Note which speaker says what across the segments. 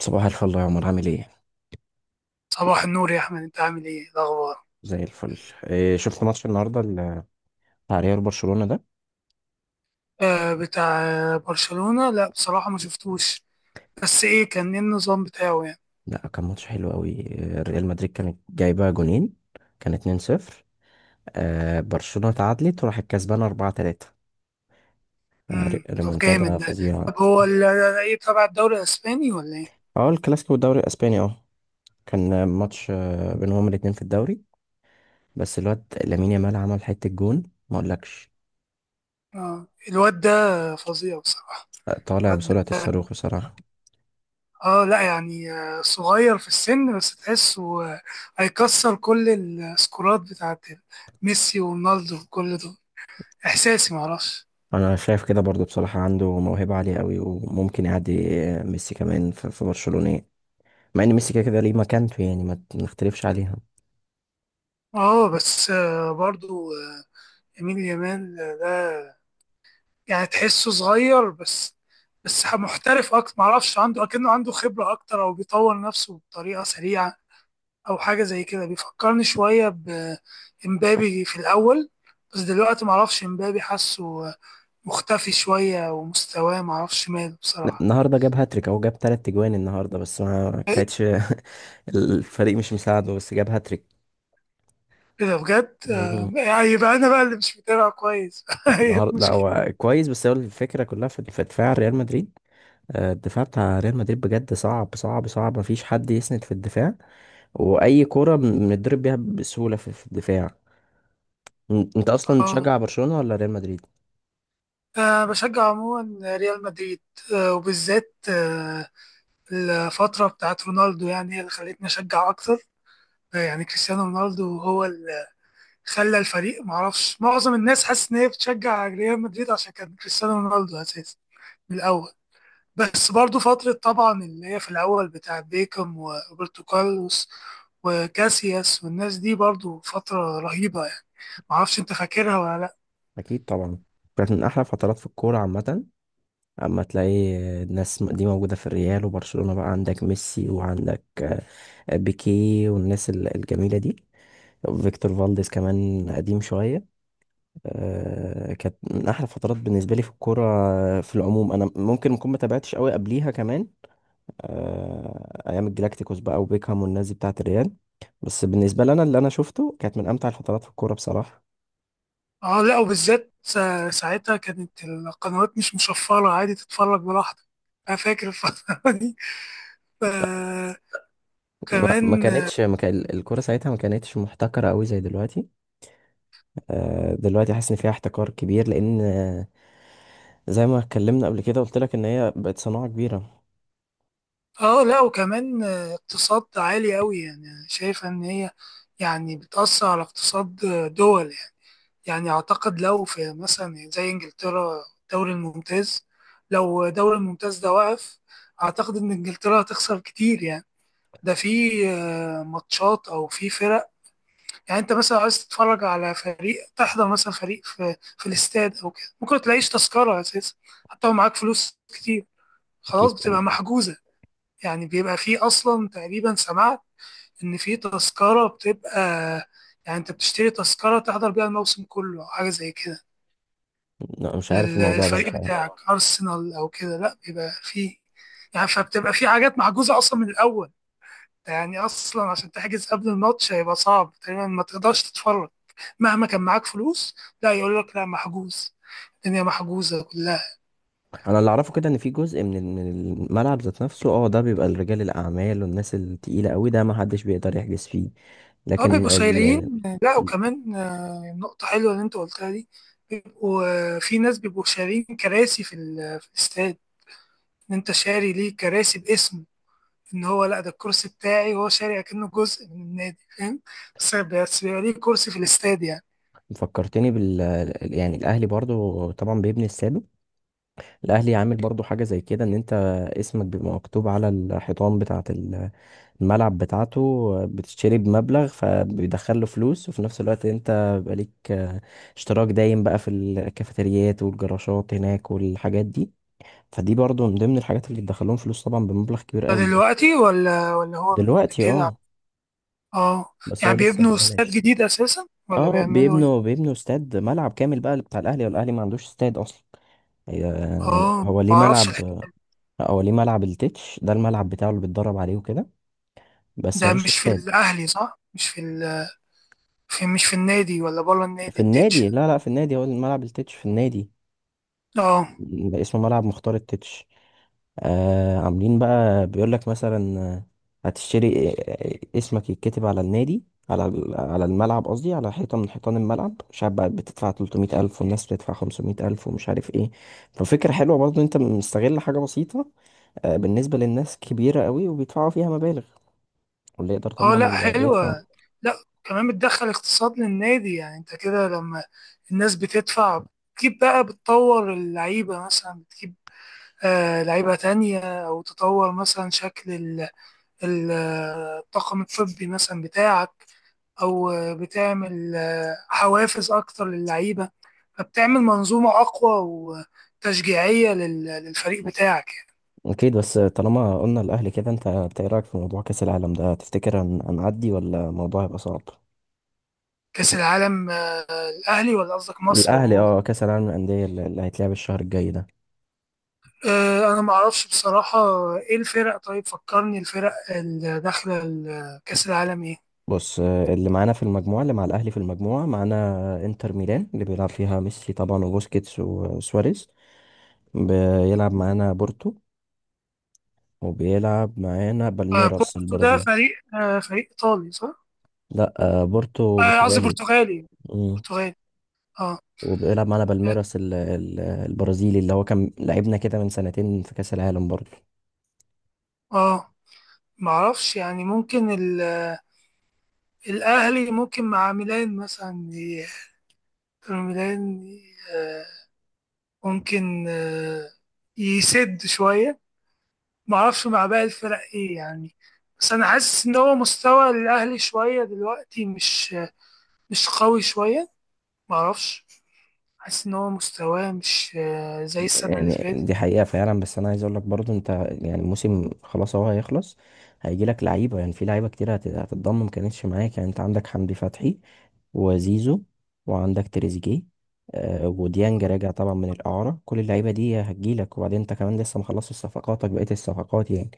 Speaker 1: صباح الفل يا عمر، عامل ايه؟
Speaker 2: صباح النور يا احمد، انت عامل ايه؟ إيه الاخبار؟
Speaker 1: زي الفل. إيه، شفت ماتش النهارده بتاع ريال برشلونة ده؟
Speaker 2: آه، بتاع برشلونة. لا بصراحة ما شفتوش. بس ايه كان ايه النظام بتاعه يعني؟
Speaker 1: لا، كان ماتش حلو قوي، إيه، ريال مدريد كانت جايبه جونين، كان 2-0، آه برشلونة تعادلت وراحت كسبانه 4-3. آه،
Speaker 2: طب جامد
Speaker 1: ريمونتادا
Speaker 2: ده.
Speaker 1: فظيعه.
Speaker 2: طب هو ايه، تبع الدوري الاسباني ولا ايه؟
Speaker 1: اه الكلاسيكو والدوري الاسباني، اه كان ماتش، آه، بينهم الاتنين في الدوري. بس الواد لامين يامال عمل حته جون، ما اقولكش.
Speaker 2: اه الواد ده فظيع بصراحة.
Speaker 1: آه، طالع
Speaker 2: الواد ده،
Speaker 1: بسرعه الصاروخ بصراحه.
Speaker 2: اه لا يعني، صغير في السن بس تحسه، هيكسر كل السكورات بتاعت ميسي ورونالدو وكل دول. احساسي معرفش.
Speaker 1: انا شايف كده برضو بصراحة، عنده موهبة عالية قوي وممكن يعدي، آه، ميسي كمان في برشلونة يعني. مع ان ميسي كده كده ليه مكانته يعني، ما نختلفش عليها.
Speaker 2: اه بس برضو، يمين يامال ده، يعني تحسه صغير بس. بس محترف اكتر، معرفش، عنده اكنه عنده خبرة اكتر او بيطور نفسه بطريقة سريعة، او حاجة زي كده. بيفكرني شوية بامبابي في الاول، بس دلوقتي معرفش امبابي حاسه مختفي شوية ومستواه معرفش ماله بصراحة.
Speaker 1: النهارده جاب هاتريك او جاب تلات اجوان النهارده، بس ما
Speaker 2: إيه؟
Speaker 1: كانتش الفريق مش مساعده، بس جاب هاتريك.
Speaker 2: كده بجد؟
Speaker 1: مم.
Speaker 2: يعني يبقى انا بقى اللي مش متابع كويس
Speaker 1: لا
Speaker 2: هي
Speaker 1: النهارده، لا
Speaker 2: المشكلة.
Speaker 1: هو كويس، بس هو الفكرة كلها في دفاع ريال مدريد. آه، الدفاع بتاع ريال مدريد بجد صعب صعب صعب، مفيش حد يسند في الدفاع، واي كرة بنضرب بيها بسهولة في الدفاع. انت اصلا بتشجع برشلونة ولا ريال مدريد؟
Speaker 2: آه، بشجع عموما ريال مدريد. آه، وبالذات آه، الفترة بتاعت رونالدو، يعني هي اللي خلتني أشجع أكتر. يعني كريستيانو رونالدو هو اللي خلى الفريق، معرفش، معظم الناس حاسس إن هي بتشجع ريال مدريد عشان كان كريستيانو رونالدو أساسي من الأول. بس برضو فترة طبعا اللي هي في الأول بتاعت بيكم وروبرتو كارلوس وكاسياس والناس دي برضو فترة رهيبة يعني. معرفش أنت فاكرها ولا لأ.
Speaker 1: اكيد طبعا. كانت من احلى فترات في الكوره عامه. اما تلاقي الناس دي موجوده في الريال وبرشلونه، بقى عندك ميسي وعندك، آه، بيكي والناس الجميله دي، فيكتور فالديز كمان قديم شويه. آه، كانت من احلى فترات بالنسبه لي في الكوره. آه، في العموم انا ممكن اكون ما تابعتش قوي قبليها كمان. آه، ايام الجلاكتيكوس بقى وبيكهام والناس دي بتاعه الريال. بس بالنسبه لنا اللي انا شفته، كانت من امتع الفترات في الكوره بصراحه.
Speaker 2: اه لا، وبالذات ساعتها كانت القنوات مش مشفرة، عادي تتفرج براحتك. أنا فاكر الفترة دي
Speaker 1: ما ما
Speaker 2: كمان.
Speaker 1: كانتش ما كان الكوره ساعتها ما كانتش محتكره قوي زي دلوقتي. آه، دلوقتي حاسس ان فيها احتكار كبير، لان، آه، زي ما اتكلمنا قبل كده قلت لك ان هي بقت صناعه كبيره.
Speaker 2: اه لا، وكمان اقتصاد عالي قوي، يعني شايفة ان هي يعني بتأثر على اقتصاد دول يعني. يعني اعتقد لو في مثلا زي انجلترا الدوري الممتاز، لو الدوري الممتاز ده وقف، اعتقد ان انجلترا هتخسر كتير يعني. ده في ماتشات او في فرق. يعني انت مثلا عايز تتفرج على فريق، تحضر مثلا فريق في الاستاد او كده، ممكن تلاقيش تذكرة اساسا، حتى لو معاك فلوس كتير. خلاص،
Speaker 1: اكيد طبعا.
Speaker 2: بتبقى محجوزة. يعني بيبقى فيه أصلا، تقريبا سمعت إن فيه تذكرة بتبقى، يعني أنت بتشتري تذكرة تحضر بيها الموسم كله أو حاجة زي كده.
Speaker 1: لا، مش عارف
Speaker 2: يا
Speaker 1: الموضوع ده
Speaker 2: للفريق سلام
Speaker 1: بصراحه.
Speaker 2: بتاعك أرسنال أو كده، لأ بيبقى فيه، يعني فبتبقى فيه حاجات محجوزة أصلا من الأول. يعني أصلا عشان تحجز قبل الماتش هيبقى صعب، تقريبا ما تقدرش تتفرج مهما كان معاك فلوس. لا يقول لك لا، محجوز، الدنيا محجوزة كلها.
Speaker 1: انا اللي اعرفه كده ان في جزء من من الملعب ذات نفسه، اه ده بيبقى لرجال الاعمال والناس التقيله قوي، ده ما حدش بيقدر يحجز فيه.
Speaker 2: اه بيبقوا
Speaker 1: لكن
Speaker 2: لكن
Speaker 1: ال...
Speaker 2: شايلين. لا وكمان، نقطة حلوة اللي انت قلتها دي. بيبقوا، في ناس بيبقوا شارين كراسي في الاستاد. ان انت شاري ليه كراسي باسم، ان هو لا، ده الكرسي بتاعي، وهو شاري اكنه جزء من النادي، فاهم. بس بيبقى ليه كرسي في الاستاد يعني.
Speaker 1: فكرتني بال، يعني الاهلي برضو طبعا بيبني استاده. الاهلي عامل برضو حاجه زي كده، ان انت اسمك بيبقى مكتوب على الحيطان بتاعه الملعب بتاعته. بتشتري بمبلغ فبيدخل له فلوس، وفي نفس الوقت انت بيبقى ليك، آه، اشتراك دايم بقى في الكافيتريات والجراشات هناك والحاجات دي. فدي برضو من ضمن الحاجات اللي بتدخلهم فلوس طبعا، بمبلغ كبير
Speaker 2: ده
Speaker 1: قوي.
Speaker 2: دلوقتي ولا هو من قبل
Speaker 1: دلوقتي
Speaker 2: كده؟
Speaker 1: اه،
Speaker 2: اه.
Speaker 1: بس هو
Speaker 2: يعني
Speaker 1: لسه
Speaker 2: بيبنوا استاد
Speaker 1: مبلاش.
Speaker 2: جديد اساسا ولا
Speaker 1: اه،
Speaker 2: بيعملوا
Speaker 1: بيبنوا
Speaker 2: ايه؟
Speaker 1: بيبنوا استاد، ملعب كامل بقى بتاع الاهلي، والاهلي ما عندوش استاد اصلا. هي- يعني
Speaker 2: اه
Speaker 1: هو ليه
Speaker 2: معرفش
Speaker 1: ملعب.
Speaker 2: الحقيقة.
Speaker 1: لا، هو ليه ملعب التتش، ده الملعب بتاعه اللي بيتدرب عليه وكده، بس
Speaker 2: ده
Speaker 1: ملوش
Speaker 2: مش في
Speaker 1: استاد.
Speaker 2: الاهلي صح؟ مش في مش في النادي ولا بره النادي
Speaker 1: في
Speaker 2: التتش؟
Speaker 1: النادي، لا لا، في النادي، هو الملعب التتش في النادي.
Speaker 2: اه.
Speaker 1: اسمه ملعب مختار التتش. آه عاملين بقى بيقول لك مثلا، آه، هتشتري، آه، آه، اسمك يتكتب على النادي، على على الملعب قصدي، على حيطة من حيطان الملعب، مش عارف بقى بتدفع 300 ألف والناس بتدفع 500 ألف ومش عارف ايه. ففكرة حلوة برضه، انت مستغل حاجة بسيطة، آه، بالنسبة للناس كبيرة قوي وبيدفعوا فيها مبالغ، واللي يقدر
Speaker 2: اه
Speaker 1: طبعا
Speaker 2: لا
Speaker 1: بيدفع.
Speaker 2: حلوة. لا كمان بتدخل اقتصاد للنادي، يعني انت كده لما الناس بتدفع، بتجيب بقى، بتطور اللعيبة مثلا، بتجيب آه لعيبة تانية، أو تطور مثلا شكل الطاقم الطبي مثلا بتاعك، أو بتعمل حوافز أكتر للعيبة، فبتعمل منظومة أقوى وتشجيعية للفريق بتاعك يعني.
Speaker 1: اكيد، بس طالما قلنا الاهلي كده، إنت ايه رايك في موضوع كاس العالم ده؟ تفتكر هنعدي ولا الموضوع هيبقى صعب؟
Speaker 2: كأس العالم؟ الأهلي ولا قصدك مصر
Speaker 1: الاهلي،
Speaker 2: عموما؟
Speaker 1: اه كاس العالم للانديه اللي هيتلعب الشهر الجاي ده.
Speaker 2: آه، انا ما اعرفش بصراحه. ايه الفرق طيب؟ فكرني الفرق اللي داخله كاس العالم ايه.
Speaker 1: بص، آه، اللي معانا في المجموعه، اللي مع الاهلي في المجموعه، معانا انتر ميلان اللي بيلعب فيها ميسي طبعا وبوسكيتس وسواريز، بيلعب معانا بورتو، وبيلعب معانا بالميراس
Speaker 2: بورتو ده
Speaker 1: البرازيل.
Speaker 2: فريق، فريق ايطالي صح؟
Speaker 1: لا، آه، بورتو
Speaker 2: آه، قصدي
Speaker 1: برتغالي.
Speaker 2: برتغالي.
Speaker 1: مم.
Speaker 2: برتغالي. اه.
Speaker 1: وبيلعب معانا بالميراس البرازيلي، اللي هو كان لعبنا كده من سنتين في كاس العالم برضه.
Speaker 2: اه ما اعرفش يعني. ممكن الاهلي ممكن مع ميلان مثلا، ميلان، آه، ممكن، يسد شويه. ما اعرفش مع باقي الفرق ايه يعني. بس انا حاسس ان هو مستوى الاهلي شويه دلوقتي مش قوي شويه. معرفش، حاسس إن هو مستواه مش زي السنة اللي
Speaker 1: يعني
Speaker 2: فاتت.
Speaker 1: دي حقيقة فعلا، بس أنا عايز أقول لك برضو أنت، يعني الموسم خلاص أهو هيخلص، هيجي لك لعيبة. يعني في لعيبة كتير هتتضم ما كانتش معاك، يعني أنت عندك حمدي فتحي وزيزو وعندك تريزيجيه، آه، وديانج راجع طبعا من الإعارة، كل اللعيبة دي هتجيلك. وبعدين أنت كمان لسه مخلصش صفقاتك، بقية الصفقات يعني.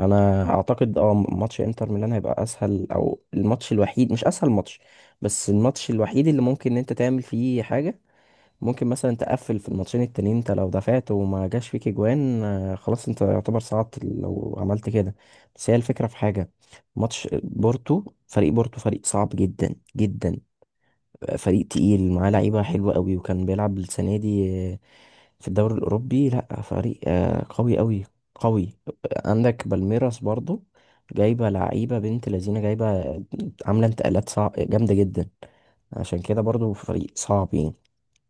Speaker 1: أنا أعتقد أه ماتش إنتر ميلان هيبقى أسهل، أو الماتش الوحيد، مش أسهل ماتش، بس الماتش الوحيد اللي ممكن إن أنت تعمل فيه حاجة. ممكن مثلا تقفل في الماتشين التانيين، انت لو دفعت وما جاش فيك اجوان، آه، خلاص انت يعتبر صعدت لو عملت كده. بس هي الفكرة في حاجة، ماتش بورتو، فريق بورتو فريق صعب جدا جدا، فريق تقيل، معاه لعيبة حلوة قوي، وكان بيلعب السنة دي، آه، في الدوري الأوروبي، لا فريق، آه، قوي قوي قوي. عندك بالميراس برضو، جايبة لعيبة بنت لذينة، جايبة، عاملة انتقالات صعب، جامدة جدا، عشان كده برضو فريق صعب يعني.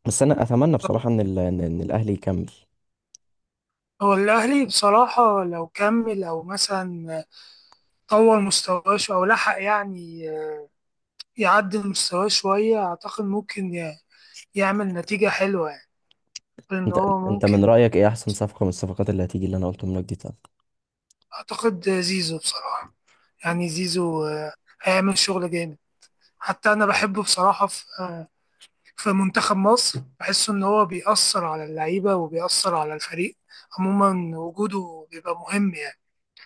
Speaker 1: بس انا اتمنى بصراحه ان ال... إن الاهلي يكمل.
Speaker 2: هو الأهلي بصراحة لو كمل أو مثلا طور مستواه أو لحق يعني، يعدل مستواه شوية، أعتقد ممكن يعمل نتيجة حلوة يعني، إن
Speaker 1: انت
Speaker 2: هو
Speaker 1: انت من
Speaker 2: ممكن.
Speaker 1: رايك ايه احسن صفقه من الصفقات اللي هتيجي اللي انا قلتهم لك دي، طب؟
Speaker 2: أعتقد زيزو بصراحة. يعني زيزو، هيعمل شغل جامد. حتى أنا بحبه بصراحة في منتخب مصر. بحس إن هو بيأثر على اللعيبة وبيأثر على الفريق عموما. وجوده بيبقى مهم يعني.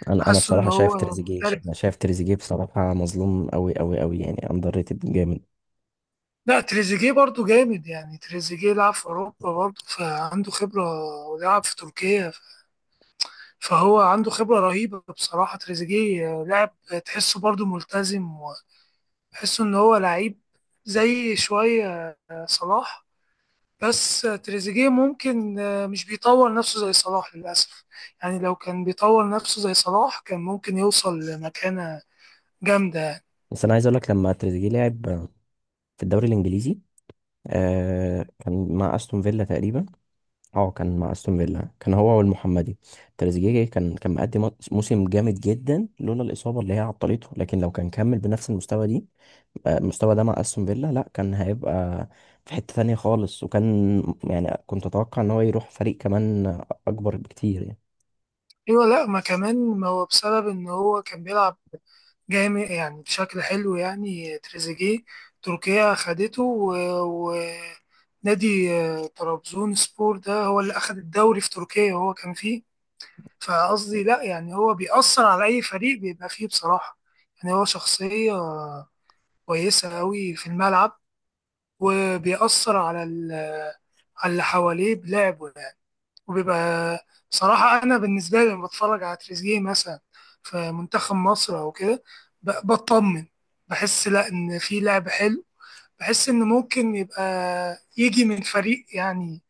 Speaker 1: انا
Speaker 2: حاسه ان
Speaker 1: بصراحه شايف
Speaker 2: هو
Speaker 1: تريزيجيه،
Speaker 2: مختلف.
Speaker 1: انا شايف تريزيجيه بصراحه مظلوم قوي قوي قوي، يعني اندر ريتد جامد.
Speaker 2: لا تريزيجيه برضو جامد يعني. تريزيجيه لعب في اوروبا برضو، فعنده خبره، ولعب في تركيا. فهو عنده خبره رهيبه بصراحه. تريزيجيه لاعب، تحسه برضو ملتزم، وتحسه ان هو لعيب زي شويه صلاح. بس تريزيجيه ممكن مش بيطور نفسه زي صلاح للاسف. يعني لو كان بيطور نفسه زي صلاح كان ممكن يوصل لمكانه جامده.
Speaker 1: بس انا عايز اقول لك، لما تريزيجيه لعب في الدوري الانجليزي، آه كان مع استون فيلا تقريبا، اه كان مع استون فيلا، كان هو والمحمدي. تريزيجيه كان مقدم موسم جامد جدا، لولا الاصابه اللي هي عطلته، لكن لو كان كمل بنفس المستوى دي، المستوى ده مع استون فيلا، لا كان هيبقى في حتة تانية خالص، وكان، يعني كنت اتوقع ان هو يروح فريق كمان اكبر بكتير يعني.
Speaker 2: ايوه. لا، ما كمان ما هو بسبب ان هو كان بيلعب جامد يعني، بشكل حلو يعني. تريزيجيه، تركيا خدته، ونادي طرابزون سبور ده هو اللي أخد الدوري في تركيا وهو كان فيه. فقصدي لا، يعني هو بيأثر على أي فريق بيبقى فيه بصراحة. يعني هو شخصية كويسة أوي في الملعب، وبيأثر على على اللي حواليه بلعبه يعني. وبيبقى بصراحة أنا بالنسبة لي لما بتفرج على تريزيجيه مثلا في منتخب مصر أو كده، بطمن، بحس لا إن في لعب حلو، بحس إن ممكن يبقى يجي من فريق يعني،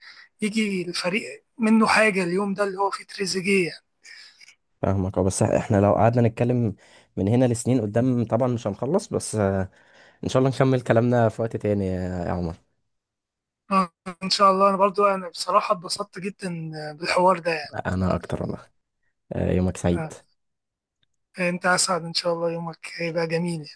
Speaker 2: يجي الفريق منه حاجة اليوم ده اللي هو فيه تريزيجيه يعني.
Speaker 1: فاهمك اه، بس احنا لو قعدنا نتكلم من هنا لسنين قدام طبعا مش هنخلص، بس آه، ان شاء الله نكمل كلامنا في وقت تاني يا عمر.
Speaker 2: آه، إن شاء الله. أنا برضو أنا بصراحة اتبسطت جدا بالحوار ده يعني.
Speaker 1: انا اكتر والله. آه، يومك سعيد.
Speaker 2: آه، أنت أسعد، إن شاء الله يومك هيبقى جميل.